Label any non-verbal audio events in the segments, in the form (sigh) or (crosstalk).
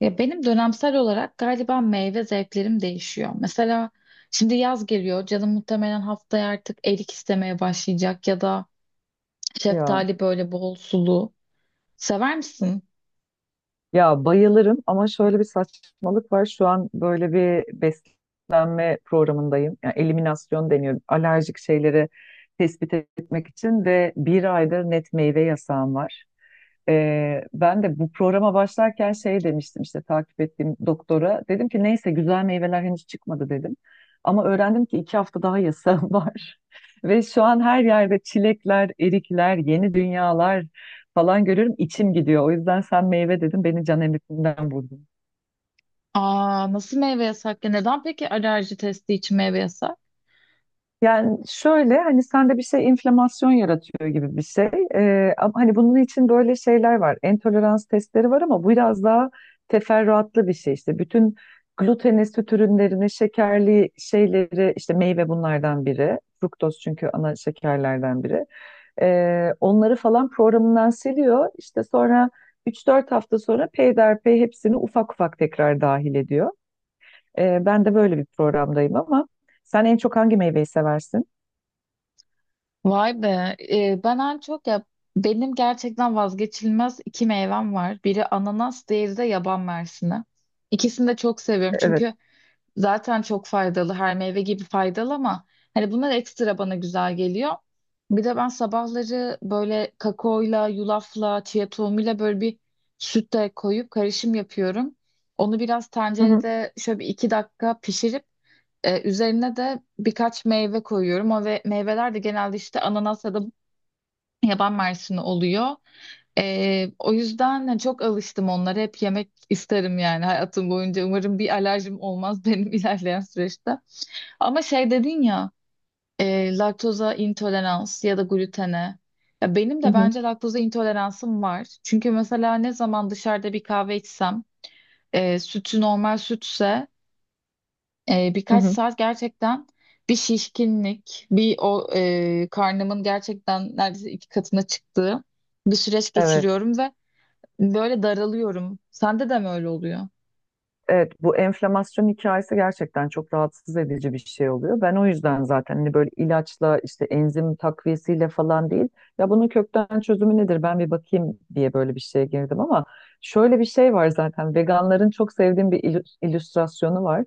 Ya benim dönemsel olarak galiba meyve zevklerim değişiyor. Mesela şimdi yaz geliyor. Canım muhtemelen haftaya artık erik istemeye başlayacak ya da Ya şeftali böyle bol sulu. Sever misin? ya bayılırım ama şöyle bir saçmalık var. Şu an böyle bir beslenme programındayım. Yani eliminasyon deniyor. Alerjik şeyleri tespit etmek için ve bir aydır net meyve yasağım var. Ben de bu programa başlarken şey demiştim işte takip ettiğim doktora. Dedim ki neyse güzel meyveler henüz çıkmadı dedim. Ama öğrendim ki 2 hafta daha yasağım (laughs) var. Ve şu an her yerde çilekler, erikler, yeni dünyalar falan görüyorum, içim gidiyor. O yüzden sen meyve dedin, beni can emrinden vurdun. Aa, nasıl meyve yasak ya? Neden peki alerji testi için meyve yasak? Yani şöyle hani sende bir şey inflamasyon yaratıyor gibi bir şey. Ama hani bunun için böyle şeyler var. Entolerans testleri var ama bu biraz daha teferruatlı bir şey işte. Bütün gluteni, süt ürünlerini, şekerli şeyleri, işte meyve bunlardan biri. Fruktoz çünkü ana şekerlerden biri. Onları falan programından siliyor. İşte sonra 3-4 hafta sonra peyderpey hepsini ufak ufak tekrar dahil ediyor. Ben de böyle bir programdayım ama sen en çok hangi meyveyi seversin? Vay be. Ben en çok ya benim gerçekten vazgeçilmez iki meyvem var. Biri ananas, diğeri de yaban mersini. İkisini de çok seviyorum Evet. çünkü zaten çok faydalı. Her meyve gibi faydalı ama hani bunlar ekstra bana güzel geliyor. Bir de ben sabahları böyle kakaoyla, yulafla, chia tohumuyla böyle bir süt de koyup karışım yapıyorum. Onu biraz Hı hı, tencerede şöyle bir iki dakika pişirip üzerine de birkaç meyve koyuyorum. O ve meyveler de genelde işte ananas ya da yaban mersini oluyor. O yüzden hani çok alıştım onlara. Hep yemek isterim yani hayatım boyunca. Umarım bir alerjim olmaz (laughs) benim ilerleyen süreçte. Ama şey dedin ya, laktoza intolerans ya da glutene. Ya benim hı de hı, bence laktoza intoleransım var. Çünkü mesela ne zaman dışarıda bir kahve içsem, sütü normal sütse hı birkaç hı. saat gerçekten bir şişkinlik, bir karnımın gerçekten neredeyse 2 katına çıktığı bir süreç Evet. geçiriyorum ve böyle daralıyorum. Sende de mi öyle oluyor? Evet, bu enflamasyon hikayesi gerçekten çok rahatsız edici bir şey oluyor. Ben o yüzden zaten hani böyle ilaçla, işte enzim takviyesiyle falan değil. Ya bunun kökten çözümü nedir? Ben bir bakayım diye böyle bir şeye girdim ama şöyle bir şey var zaten. Veganların çok sevdiğim bir illüstrasyonu var.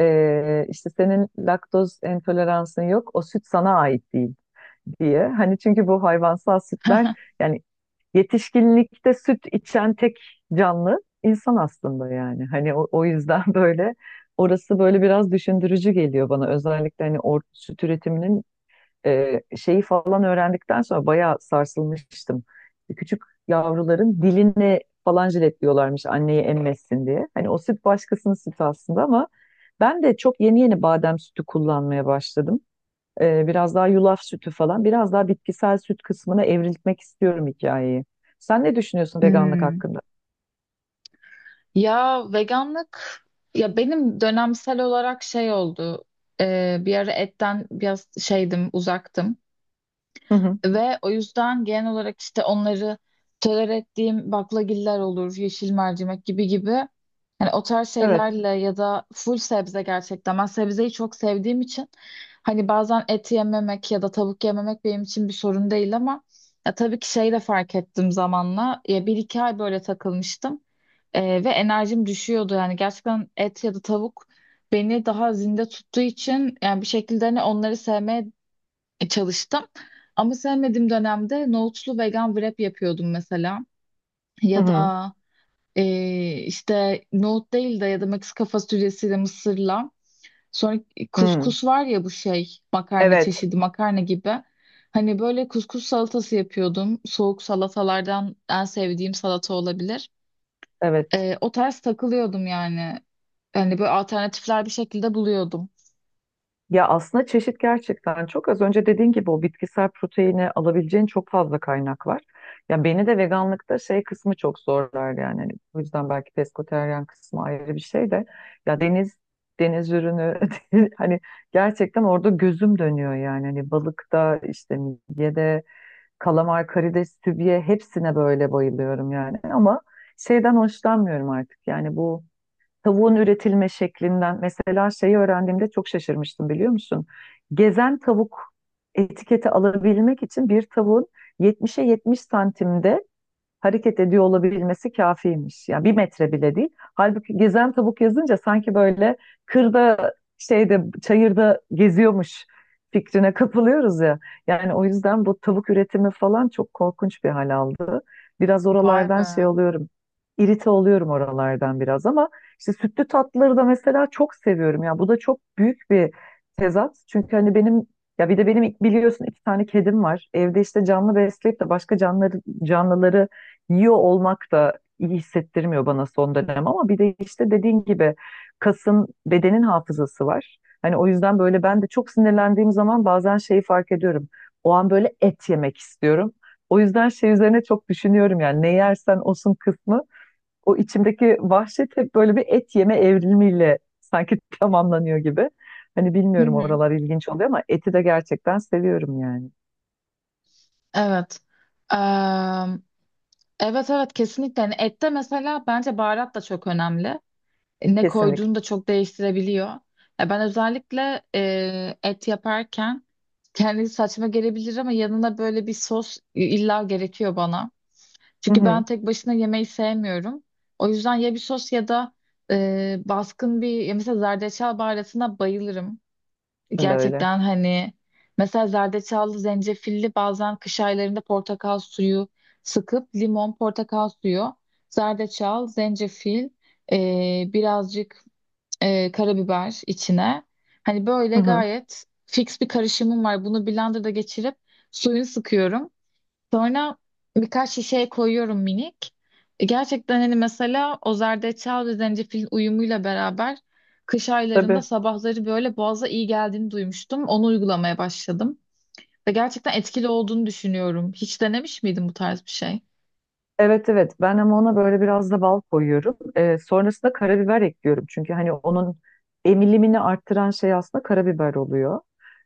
İşte senin laktoz intoleransın yok, o süt sana ait değil diye. Hani çünkü bu hayvansal sütler, (laughs) yani yetişkinlikte süt içen tek canlı insan aslında yani. Hani o yüzden (laughs) böyle orası böyle biraz düşündürücü geliyor bana. Özellikle hani or süt üretiminin şeyi falan öğrendikten sonra bayağı sarsılmıştım. Küçük yavruların diline falan jiletliyorlarmış anneyi emmesin diye. Hani o süt başkasının sütü aslında ama ben de çok yeni yeni badem sütü kullanmaya başladım. Biraz daha yulaf sütü falan, biraz daha bitkisel süt kısmına evrilmek istiyorum hikayeyi. Sen ne düşünüyorsun veganlık Hmm. hakkında? Ya veganlık ya benim dönemsel olarak şey oldu. Bir ara etten biraz şeydim, uzaktım. Hı hı. Ve o yüzden genel olarak işte onları tolere ettiğim baklagiller olur, yeşil mercimek gibi gibi. Hani o tarz Evet. şeylerle ya da full sebze gerçekten. Ben sebzeyi çok sevdiğim için hani bazen et yememek ya da tavuk yememek benim için bir sorun değil ama ya tabii ki şey de fark ettim zamanla. Ya bir iki ay böyle takılmıştım. Ve enerjim düşüyordu. Yani gerçekten et ya da tavuk beni daha zinde tuttuğu için yani bir şekilde hani onları sevmeye çalıştım. Ama sevmediğim dönemde nohutlu vegan wrap yapıyordum mesela. Hı Ya hı. da e, işte nohut değil de ya da Meksika fasulyesiyle mısırla. Sonra Hı. kuskus var ya, bu şey makarna Evet. çeşidi, makarna gibi. Hani böyle kuskus salatası yapıyordum. Soğuk salatalardan en sevdiğim salata olabilir. Evet. O tarz takılıyordum yani. Hani böyle alternatifler bir şekilde buluyordum. Ya aslında çeşit gerçekten çok, az önce dediğin gibi o bitkisel proteini alabileceğin çok fazla kaynak var. Ya beni de veganlıkta şey kısmı çok zorlar yani. Hani bu yüzden belki pesketeryan kısmı ayrı bir şey de. Ya deniz ürünü (laughs) hani gerçekten orada gözüm dönüyor yani. Hani balıkta, işte midyede, kalamar, karides, sübye, hepsine böyle bayılıyorum yani. Ama şeyden hoşlanmıyorum artık, yani bu tavuğun üretilme şeklinden. Mesela şeyi öğrendiğimde çok şaşırmıştım, biliyor musun? Gezen tavuk etiketi alabilmek için bir tavuğun 70'e 70 santimde hareket ediyor olabilmesi kafiymiş. Yani bir metre bile değil. Halbuki gezen tavuk yazınca sanki böyle kırda, şeyde, çayırda geziyormuş fikrine kapılıyoruz ya. Yani o yüzden bu tavuk üretimi falan çok korkunç bir hal aldı. Biraz Vay be. oralardan şey oluyorum. İrite oluyorum oralardan biraz ama işte sütlü tatlıları da mesela çok seviyorum. Ya bu da çok büyük bir tezat. Çünkü hani benim, ya bir de benim biliyorsun iki tane kedim var. Evde işte canlı besleyip de başka canlıları yiyor olmak da iyi hissettirmiyor bana son dönem ama bir de işte dediğin gibi kasın, bedenin hafızası var. Hani o yüzden böyle ben de çok sinirlendiğim zaman bazen şeyi fark ediyorum. O an böyle et yemek istiyorum. O yüzden şey üzerine çok düşünüyorum, yani ne yersen olsun kısmı. O içimdeki vahşet hep böyle bir et yeme evrimiyle sanki (laughs) tamamlanıyor gibi. Hani Hı bilmiyorum, hı. oralar ilginç oluyor ama eti de gerçekten seviyorum yani. Evet. Evet evet kesinlikle. Yani ette mesela bence baharat da çok önemli. Ne Kesinlikle. koyduğunu da çok değiştirebiliyor. Ya ben özellikle et yaparken kendisi saçma gelebilir ama yanına böyle bir sos illa gerekiyor bana. Hı Çünkü hı. ben tek başına yemeği sevmiyorum. O yüzden ya bir sos ya da baskın bir ya mesela zerdeçal baharatına bayılırım. Ben de öyle. Gerçekten hani mesela zerdeçallı, zencefilli bazen kış aylarında portakal suyu sıkıp limon, portakal suyu, zerdeçal, zencefil, birazcık karabiber içine. Hani Hı böyle hı. gayet fix bir karışımım var. Bunu blenderda geçirip suyunu sıkıyorum. Sonra birkaç şişeye koyuyorum minik. Gerçekten hani mesela o zerdeçal ve zencefil uyumuyla beraber kış aylarında Tabii. sabahları böyle boğaza iyi geldiğini duymuştum. Onu uygulamaya başladım. Ve gerçekten etkili olduğunu düşünüyorum. Hiç denemiş miydin bu tarz bir şey? Evet, evet, ben ama ona böyle biraz da bal koyuyorum. Sonrasında karabiber ekliyorum. Çünkü hani onun emilimini arttıran şey aslında karabiber oluyor.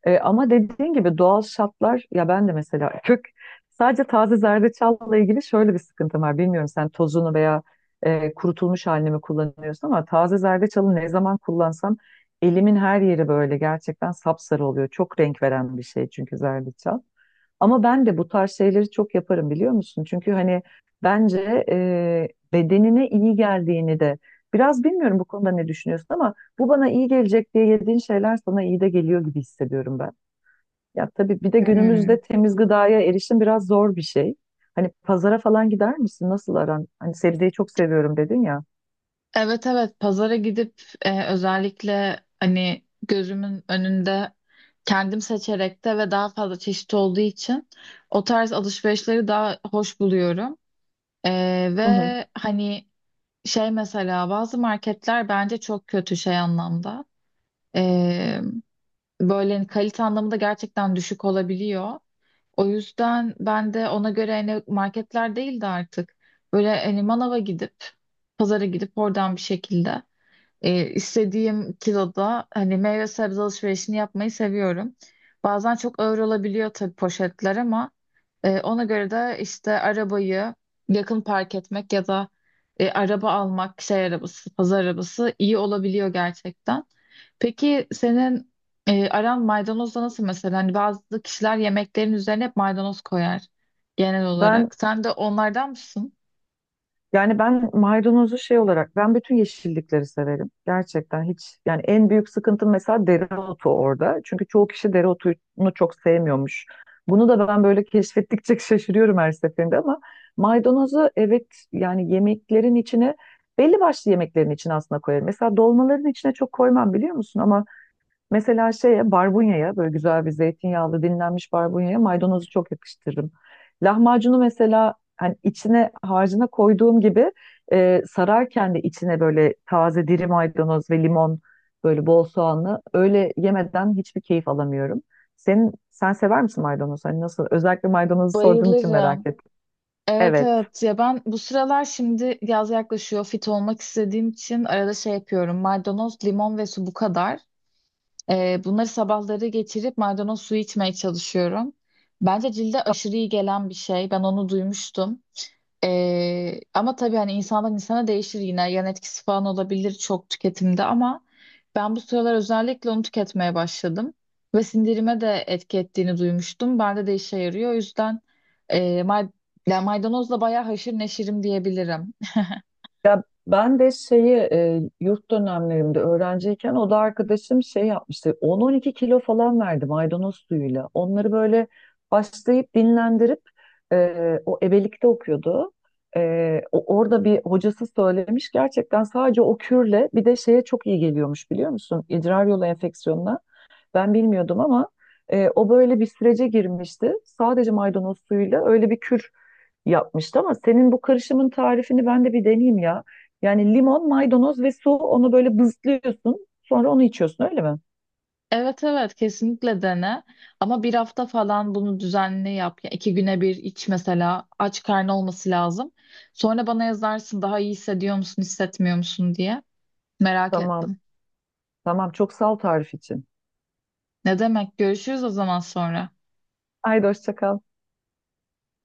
Ama dediğin gibi doğal şartlar, ya ben de mesela (laughs) kök, sadece taze zerdeçalla ilgili şöyle bir sıkıntım var. Bilmiyorum sen tozunu veya kurutulmuş halini mi kullanıyorsun ama taze zerdeçalı ne zaman kullansam elimin her yeri böyle gerçekten sapsarı oluyor. Çok renk veren bir şey çünkü zerdeçal. Ama ben de bu tarz şeyleri çok yaparım, biliyor musun? Çünkü hani bence bedenine iyi geldiğini de biraz, bilmiyorum bu konuda ne düşünüyorsun ama bu bana iyi gelecek diye yediğin şeyler sana iyi de geliyor gibi hissediyorum ben. Ya tabii bir de Hmm. günümüzde temiz gıdaya erişim biraz zor bir şey. Hani pazara falan gider misin? Nasıl aran? Hani sebzeyi çok seviyorum dedin ya. Evet evet pazara gidip özellikle hani gözümün önünde kendim seçerek de ve daha fazla çeşit olduğu için o tarz alışverişleri daha hoş buluyorum. Hı hı. Ve hani şey mesela bazı marketler bence çok kötü şey anlamda. Ee, Böyle hani, kalite anlamında gerçekten düşük olabiliyor. O yüzden ben de ona göre hani marketler değil de artık böyle hani manava gidip pazara gidip oradan bir şekilde istediğim kiloda hani meyve sebze alışverişini yapmayı seviyorum. Bazen çok ağır olabiliyor tabii poşetler ama ona göre de işte arabayı yakın park etmek ya da araba almak, şey arabası, pazar arabası iyi olabiliyor gerçekten. Peki senin aran maydanozla nasıl mesela? Hani bazı kişiler yemeklerin üzerine hep maydanoz koyar genel Ben olarak. Sen de onlardan mısın? yani ben maydanozu şey olarak, ben bütün yeşillikleri severim. Gerçekten hiç, yani en büyük sıkıntım mesela dereotu orada. Çünkü çoğu kişi dereotunu çok sevmiyormuş. Bunu da ben böyle keşfettikçe (laughs) şaşırıyorum her seferinde ama maydanozu, evet, yani yemeklerin içine, belli başlı yemeklerin içine aslında koyarım. Mesela dolmaların içine çok koymam biliyor musun ama mesela şeye, barbunyaya, böyle güzel bir zeytinyağlı dinlenmiş barbunyaya maydanozu çok yakıştırırım. Lahmacunu mesela hani içine, harcına koyduğum gibi sararken de içine böyle taze diri maydanoz ve limon, böyle bol soğanlı öyle yemeden hiçbir keyif alamıyorum. Sen sever misin maydanoz? Hani nasıl? Özellikle maydanozu sorduğun için merak Bayılırım. ettim. Evet Evet. evet, ya ben bu sıralar şimdi yaz yaklaşıyor fit olmak istediğim için arada şey yapıyorum, maydanoz limon ve su, bu kadar. Bunları sabahları geçirip maydanoz suyu içmeye çalışıyorum. Bence cilde aşırı iyi gelen bir şey. Ben onu duymuştum. Ama tabii hani insandan insana değişir yine. Yan etkisi falan olabilir çok tüketimde ama ben bu sıralar özellikle onu tüketmeye başladım. Ve sindirime de etki ettiğini duymuştum. Bende de işe yarıyor. O yüzden e, may- yani maydanozla bayağı haşır neşirim diyebilirim. Ya ben de şeyi yurt dönemlerimde öğrenciyken, o da arkadaşım şey yapmıştı. 10-12 kilo falan verdi maydanoz suyuyla. Onları böyle başlayıp dinlendirip o ebelikte okuyordu. Orada bir hocası söylemiş, gerçekten sadece o kürle bir de şeye çok iyi geliyormuş, biliyor musun? İdrar yolu enfeksiyonuna. Ben bilmiyordum ama o böyle bir sürece girmişti. Sadece maydanoz suyuyla öyle bir kür yapmıştı ama senin bu karışımın tarifini ben de bir deneyeyim ya. Yani limon, maydanoz ve su, onu böyle bızlıyorsun. Sonra onu içiyorsun, öyle mi? Evet evet kesinlikle dene ama bir hafta falan bunu düzenli yap. Ya 2 güne bir iç mesela, aç karnı olması lazım. Sonra bana yazarsın daha iyi hissediyor musun hissetmiyor musun diye merak Tamam. ettim. Tamam, çok sağ ol tarif için. Ne demek, görüşürüz o zaman sonra. Haydi hoşça kal.